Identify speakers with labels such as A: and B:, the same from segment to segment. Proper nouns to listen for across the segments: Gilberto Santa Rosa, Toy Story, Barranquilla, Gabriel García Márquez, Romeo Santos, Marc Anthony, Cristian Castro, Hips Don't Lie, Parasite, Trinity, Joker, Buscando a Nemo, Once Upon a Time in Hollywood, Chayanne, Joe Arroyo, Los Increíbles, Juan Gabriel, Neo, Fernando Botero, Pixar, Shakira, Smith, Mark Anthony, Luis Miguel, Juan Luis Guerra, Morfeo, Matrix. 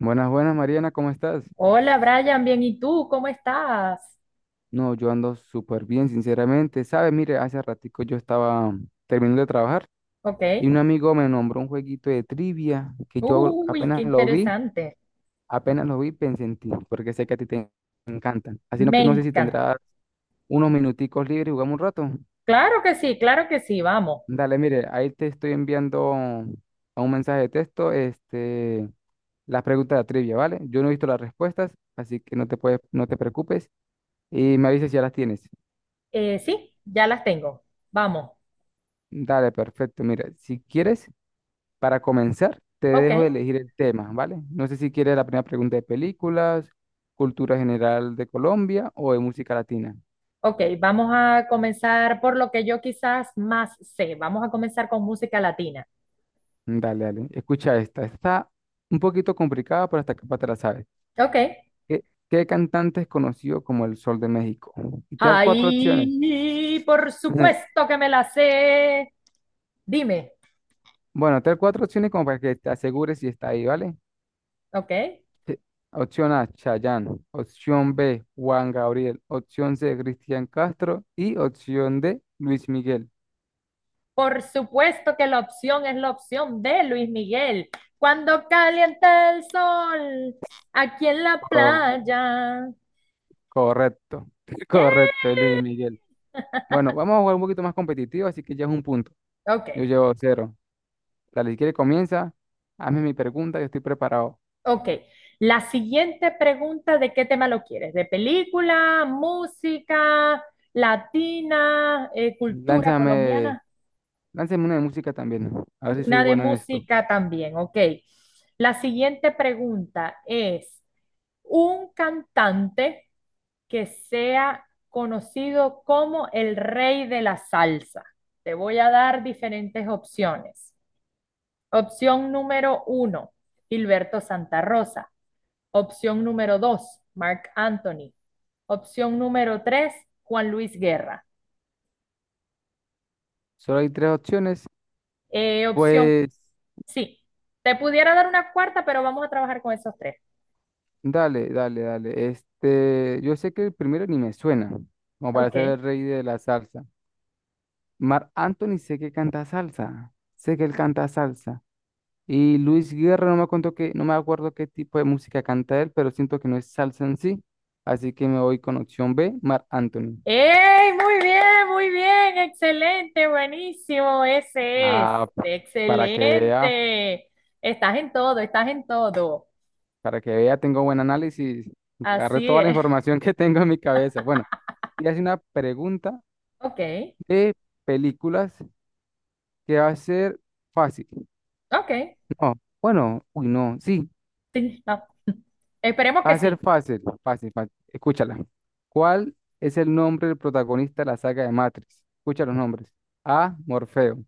A: Buenas, buenas, Mariana, ¿cómo estás?
B: Hola Brian, bien, ¿y tú? ¿Cómo estás?
A: No, yo ando súper bien, sinceramente. ¿Sabes? Mire, hace ratico yo estaba terminando de trabajar
B: Ok.
A: y un amigo me nombró un jueguito de trivia que yo
B: Uy, qué interesante.
A: apenas lo vi, pensé en ti, porque sé que a ti te encantan. Así no que
B: Me
A: no sé si
B: encanta.
A: tendrás unos minuticos libres y jugamos un rato.
B: Claro que sí, vamos.
A: Dale, mire, ahí te estoy enviando a un mensaje de texto, este, las preguntas de trivia, ¿vale? Yo no he visto las respuestas, así que no te preocupes y me avisas si ya las tienes.
B: Sí, ya las tengo. Vamos.
A: Dale, perfecto. Mira, si quieres, para comenzar, te
B: Ok,
A: dejo elegir el tema, ¿vale? No sé si quieres la primera pregunta de películas, cultura general de Colombia o de música latina.
B: ok, vamos a comenzar por lo que yo quizás más sé. Vamos a comenzar con música latina.
A: Dale, dale. Escucha esta. Está un poquito complicada, pero hasta capaz te la sabes.
B: Ok.
A: ¿Qué cantante es conocido como el Sol de México? Y te dar cuatro opciones.
B: Ay, por supuesto que me la sé. Dime.
A: Bueno, te dar cuatro opciones como para que te asegures si está ahí, ¿vale?
B: Ok.
A: Sí. Opción A, Chayanne. Opción B, Juan Gabriel. Opción C, Cristian Castro. Y opción D, Luis Miguel.
B: Por supuesto que la opción es la opción de Luis Miguel. Cuando calienta el sol aquí en la
A: Co-
B: playa.
A: correcto, correcto, es
B: Yeah.
A: Luis Miguel. Bueno, vamos a jugar un poquito más competitivo, así que ya es un punto.
B: Ok,
A: Yo llevo cero. Dale, si quiere comienza, hazme mi pregunta, yo estoy preparado.
B: ok. La siguiente pregunta, ¿de qué tema lo quieres? ¿De película, música, latina, cultura
A: Lánzame,
B: colombiana?
A: lánzame una de música también, a ver si soy
B: Una de
A: bueno en esto.
B: música también, ok. La siguiente pregunta es, ¿un cantante que sea conocido como el rey de la salsa? Te voy a dar diferentes opciones. Opción número uno, Gilberto Santa Rosa. Opción número dos, Mark Anthony. Opción número tres, Juan Luis Guerra.
A: Solo hay tres opciones.
B: Opción,
A: Pues
B: sí, te pudiera dar una cuarta, pero vamos a trabajar con esos tres.
A: dale, dale, dale. Este, yo sé que el primero ni me suena, como para
B: Ok.
A: ser el rey de la salsa. Marc Anthony sé que canta salsa, sé que él canta salsa. Y Luis Guerra, no me acuerdo qué tipo de música canta él, pero siento que no es salsa en sí. Así que me voy con opción B, Marc Anthony.
B: ¡Ey! Muy bien, excelente, buenísimo, ese es,
A: Ah, pa- para que vea,
B: excelente. Estás en todo, estás en todo.
A: para que vea, tengo buen análisis. Agarré
B: Así
A: toda la
B: es.
A: información que tengo en mi cabeza. Bueno, y hace una pregunta
B: Ok,
A: de películas que va a ser fácil.
B: ok,
A: Oh, bueno, uy, no, sí,
B: sí, no. Esperemos
A: va
B: que
A: a ser
B: sí.
A: fácil, fácil, fácil. Escúchala. ¿Cuál es el nombre del protagonista de la saga de Matrix? Escucha los nombres. A, Morfeo.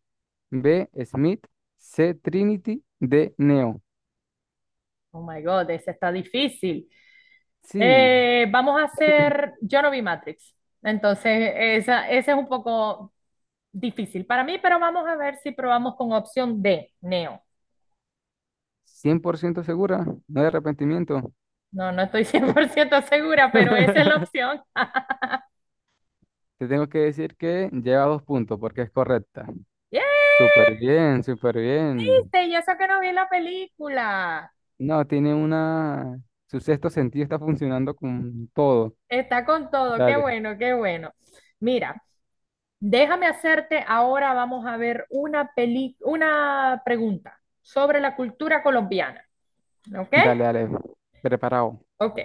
A: B, Smith. C, Trinity. D, Neo.
B: Oh my God, ese está difícil.
A: Sí,
B: Vamos a hacer, yo no vi Matrix, entonces esa, ese es un poco difícil para mí, pero vamos a ver si probamos con opción D, Neo.
A: 100% segura, no hay arrepentimiento.
B: No, no estoy 100% segura, pero esa es la opción.
A: Te tengo que decir que lleva dos puntos porque es correcta.
B: ¡Yay!
A: Súper bien, súper bien.
B: ¿Viste? Y eso que no vi la película.
A: No, tiene una Su sexto sentido está funcionando con todo.
B: Está con todo. Qué
A: Dale.
B: bueno, qué bueno. Mira, déjame hacerte ahora, vamos a ver una peli, una pregunta sobre la cultura colombiana. ¿Ok?
A: Dale, dale, preparado.
B: Ok.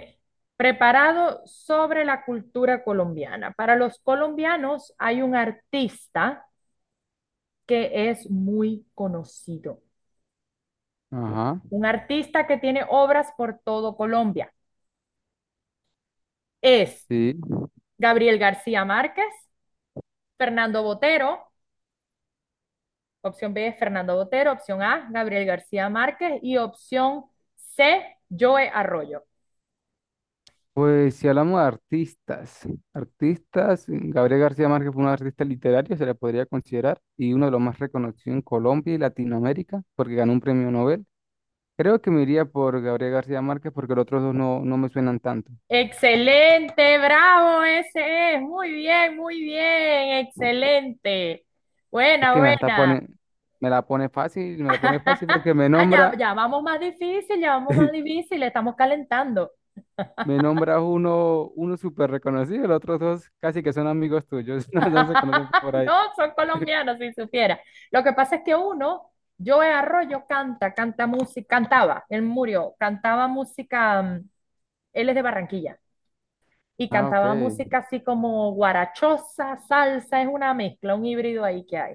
B: Preparado sobre la cultura colombiana. Para los colombianos hay un artista que es muy conocido.
A: Ajá,
B: Un artista que tiene obras por todo Colombia. Es
A: sí.
B: Gabriel García Márquez, Fernando Botero, opción B es Fernando Botero, opción A, Gabriel García Márquez y opción C, Joe Arroyo.
A: Pues si hablamos de artistas, artistas, Gabriel García Márquez fue un artista literario, se le podría considerar, y uno de los más reconocidos en Colombia y Latinoamérica, porque ganó un premio Nobel. Creo que me iría por Gabriel García Márquez porque los otros dos no, no me suenan tanto.
B: Excelente, bravo, ese es, muy bien, excelente.
A: Es
B: Buena,
A: que
B: buena.
A: me la pone fácil, me la pone fácil porque me
B: Ah, ya,
A: nombra,
B: ya vamos más difícil, ya vamos más difícil, estamos calentando.
A: me nombra uno súper reconocido, los otros dos casi que son amigos tuyos, no, no se conocen por ahí.
B: No, son colombianos, si supiera. Lo que pasa es que uno, Joe Arroyo canta, canta música, cantaba, él murió, cantaba música, él es de Barranquilla, y
A: Ah, ok.
B: cantaba música así como guarachosa, salsa, es una mezcla, un híbrido ahí que hay.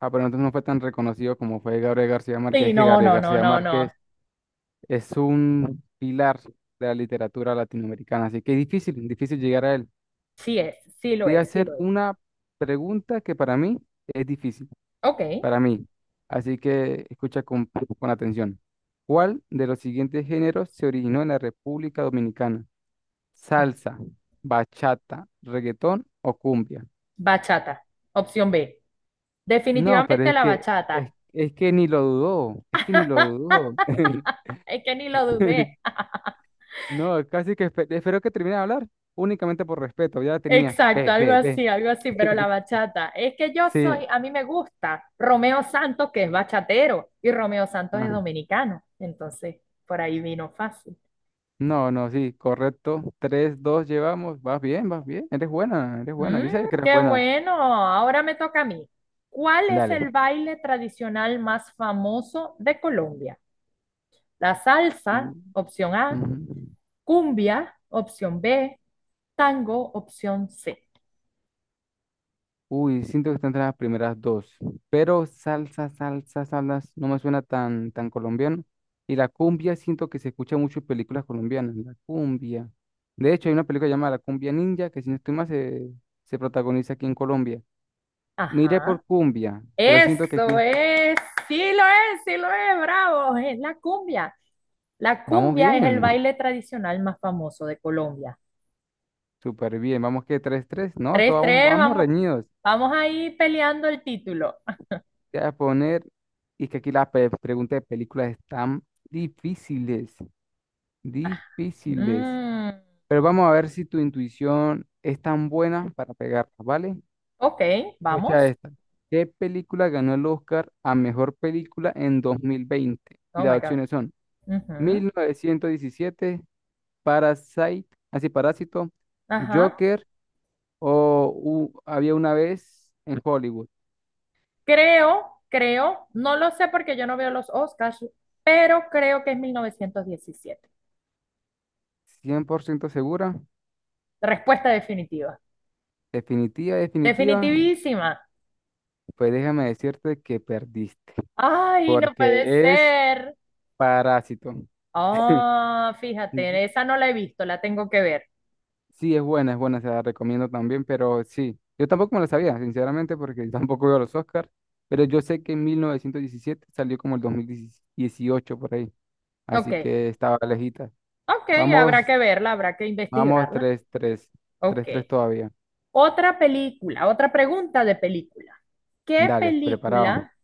A: Ah, pero entonces no fue tan reconocido como fue Gabriel García Márquez,
B: Sí,
A: es que
B: no,
A: Gabriel
B: no, no,
A: García
B: no, no.
A: Márquez es un pilar de la literatura latinoamericana, así que es difícil, difícil llegar a él.
B: Sí es, sí lo
A: Te voy a
B: es, sí
A: hacer
B: lo es.
A: una pregunta que para mí es difícil,
B: Ok,
A: para mí, así que escucha con atención. ¿Cuál de los siguientes géneros se originó en la República Dominicana? ¿Salsa, bachata, reggaetón o cumbia?
B: bachata, opción B.
A: No, pero
B: Definitivamente
A: es
B: la
A: que,
B: bachata.
A: es que ni lo dudó, es que ni lo dudó.
B: Es que ni lo dudé.
A: No, casi que espero que termine de hablar, únicamente por respeto, ya tenía.
B: Exacto,
A: Ve, ve, ve.
B: algo así, pero la bachata. Es que yo
A: Sí,
B: soy, a mí me gusta Romeo Santos, que es bachatero, y Romeo Santos es
A: ah,
B: dominicano. Entonces, por ahí vino fácil.
A: no, no, sí, correcto. 3-2 llevamos, vas bien, eres buena,
B: Mm,
A: yo sé que eres
B: Qué
A: buena.
B: bueno, ahora me toca a mí. ¿Cuál es
A: Dale.
B: el baile tradicional más famoso de Colombia? La salsa,
A: U-
B: opción A,
A: ujú.
B: cumbia, opción B, tango, opción C.
A: Uy, siento que están entre las primeras dos, pero salsa, salsa, salsa, no me suena tan colombiano. Y la cumbia siento que se escucha mucho en películas colombianas, la cumbia. De hecho, hay una película llamada La Cumbia Ninja, que si no estoy mal se protagoniza aquí en Colombia. Miré
B: Ajá.
A: por cumbia, pero siento que
B: Eso
A: aquí
B: es, sí lo es, sí lo es, bravo, es la cumbia. La
A: vamos
B: cumbia es el
A: bien,
B: baile tradicional más famoso de Colombia.
A: súper bien. Vamos, que 3-3. No, esto,
B: Tres
A: vamos,
B: tres,
A: vamos
B: vamos,
A: reñidos.
B: vamos ahí peleando el título.
A: Te voy a poner, y que aquí las preguntas de películas están difíciles, difíciles.
B: Mm,
A: Pero vamos a ver si tu intuición es tan buena para pegarlas, ¿vale?
B: ok, vamos.
A: Escucha esta. ¿Qué película ganó el Oscar a mejor película en 2020? Y
B: Oh my
A: las
B: God.
A: opciones son
B: Ujú,
A: 1917, Parasite, así Parásito,
B: ajá.
A: Joker, o había una vez en Hollywood.
B: Creo, creo, no lo sé porque yo no veo los Oscars, pero creo que es 1917.
A: 100% segura,
B: Respuesta definitiva.
A: definitiva, definitiva,
B: Definitivísima.
A: pues déjame decirte que perdiste,
B: Ay, no puede
A: porque es
B: ser.
A: Parásito.
B: Oh,
A: Ujú.
B: fíjate, esa no la he visto, la tengo que ver.
A: Sí, es buena, se la recomiendo también, pero sí, yo tampoco me la sabía, sinceramente, porque tampoco veo los Oscars, pero yo sé que en 1917 salió como el 2018 por ahí,
B: Ok,
A: así que estaba lejita.
B: ok,
A: Vamos,
B: habrá que verla, habrá que
A: vamos,
B: investigarla.
A: tres tres tres
B: Ok.
A: tres todavía.
B: Otra película, otra pregunta de película. ¿Qué
A: Dale, preparado.
B: película,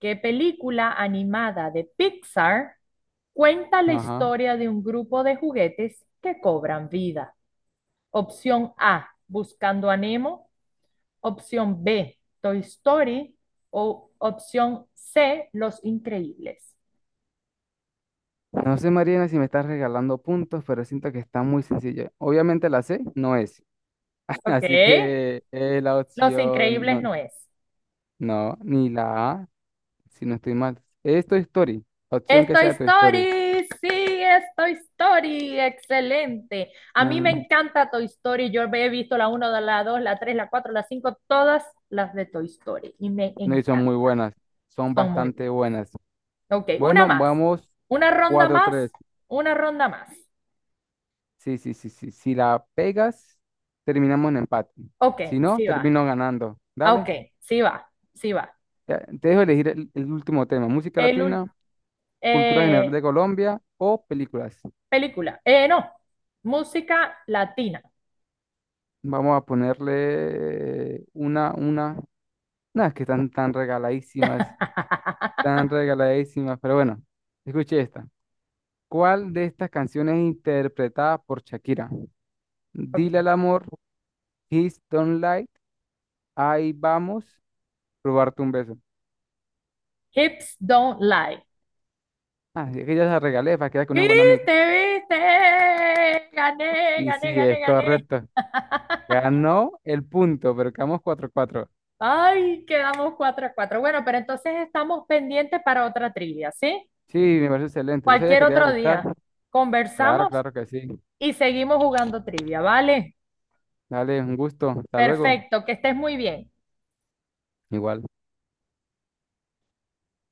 B: qué película animada de Pixar cuenta la
A: Ajá.
B: historia de un grupo de juguetes que cobran vida? Opción A, Buscando a Nemo. Opción B, Toy Story. O opción C, Los Increíbles.
A: No sé, Mariana, si me estás regalando puntos, pero siento que está muy sencilla. Obviamente la C no es,
B: Ok.
A: así que la
B: Los
A: opción
B: Increíbles
A: no,
B: no es.
A: no, ni la A, si no estoy mal. Es Toy Story, opción que
B: Estoy
A: sea tu historia.
B: Story, sí, Toy Story, excelente. A mí me
A: No,
B: encanta Toy Story, yo he visto la uno, la 2, la 3, la 4, la 5, todas las de Toy Story y me
A: no, y son muy
B: encantan,
A: buenas, son
B: son muy
A: bastante
B: buenas.
A: buenas.
B: Ok, una
A: Bueno,
B: más,
A: vamos,
B: una ronda
A: cuatro
B: más,
A: tres
B: una ronda más.
A: Sí, sí, sí, sí. Si la pegas, terminamos en empate.
B: Ok,
A: Si no,
B: sí va,
A: termino ganando. Dale,
B: ok, sí va, sí va.
A: ya, te dejo elegir el último tema, música
B: El, ul-
A: latina, cultura general
B: eh,
A: de Colombia o películas.
B: Película, no, música latina.
A: Vamos a ponerle nada, es que están tan regaladísimas, pero bueno, escuche esta. ¿Cuál de estas canciones es interpretada por Shakira? Dile al
B: Ok,
A: amor, Kiss Don't Lie, Ahí vamos, robarte un beso.
B: Hips Don't Lie.
A: Ah, es que ya se regalé para quedar con un buen amigo.
B: ¿Viste, viste? Gané,
A: Y sí,
B: gané, gané,
A: es
B: gané.
A: correcto. Ganó el punto, pero quedamos 4-4.
B: Ay, quedamos 4-4. Bueno, pero entonces estamos pendientes para otra trivia, ¿sí?
A: Sí, me parece excelente. Yo sabía
B: Cualquier
A: que te iba a
B: otro
A: gustar.
B: día.
A: Claro,
B: Conversamos
A: claro que sí.
B: y seguimos jugando trivia, ¿vale?
A: Dale, un gusto. Hasta luego.
B: Perfecto, que estés muy bien.
A: Igual.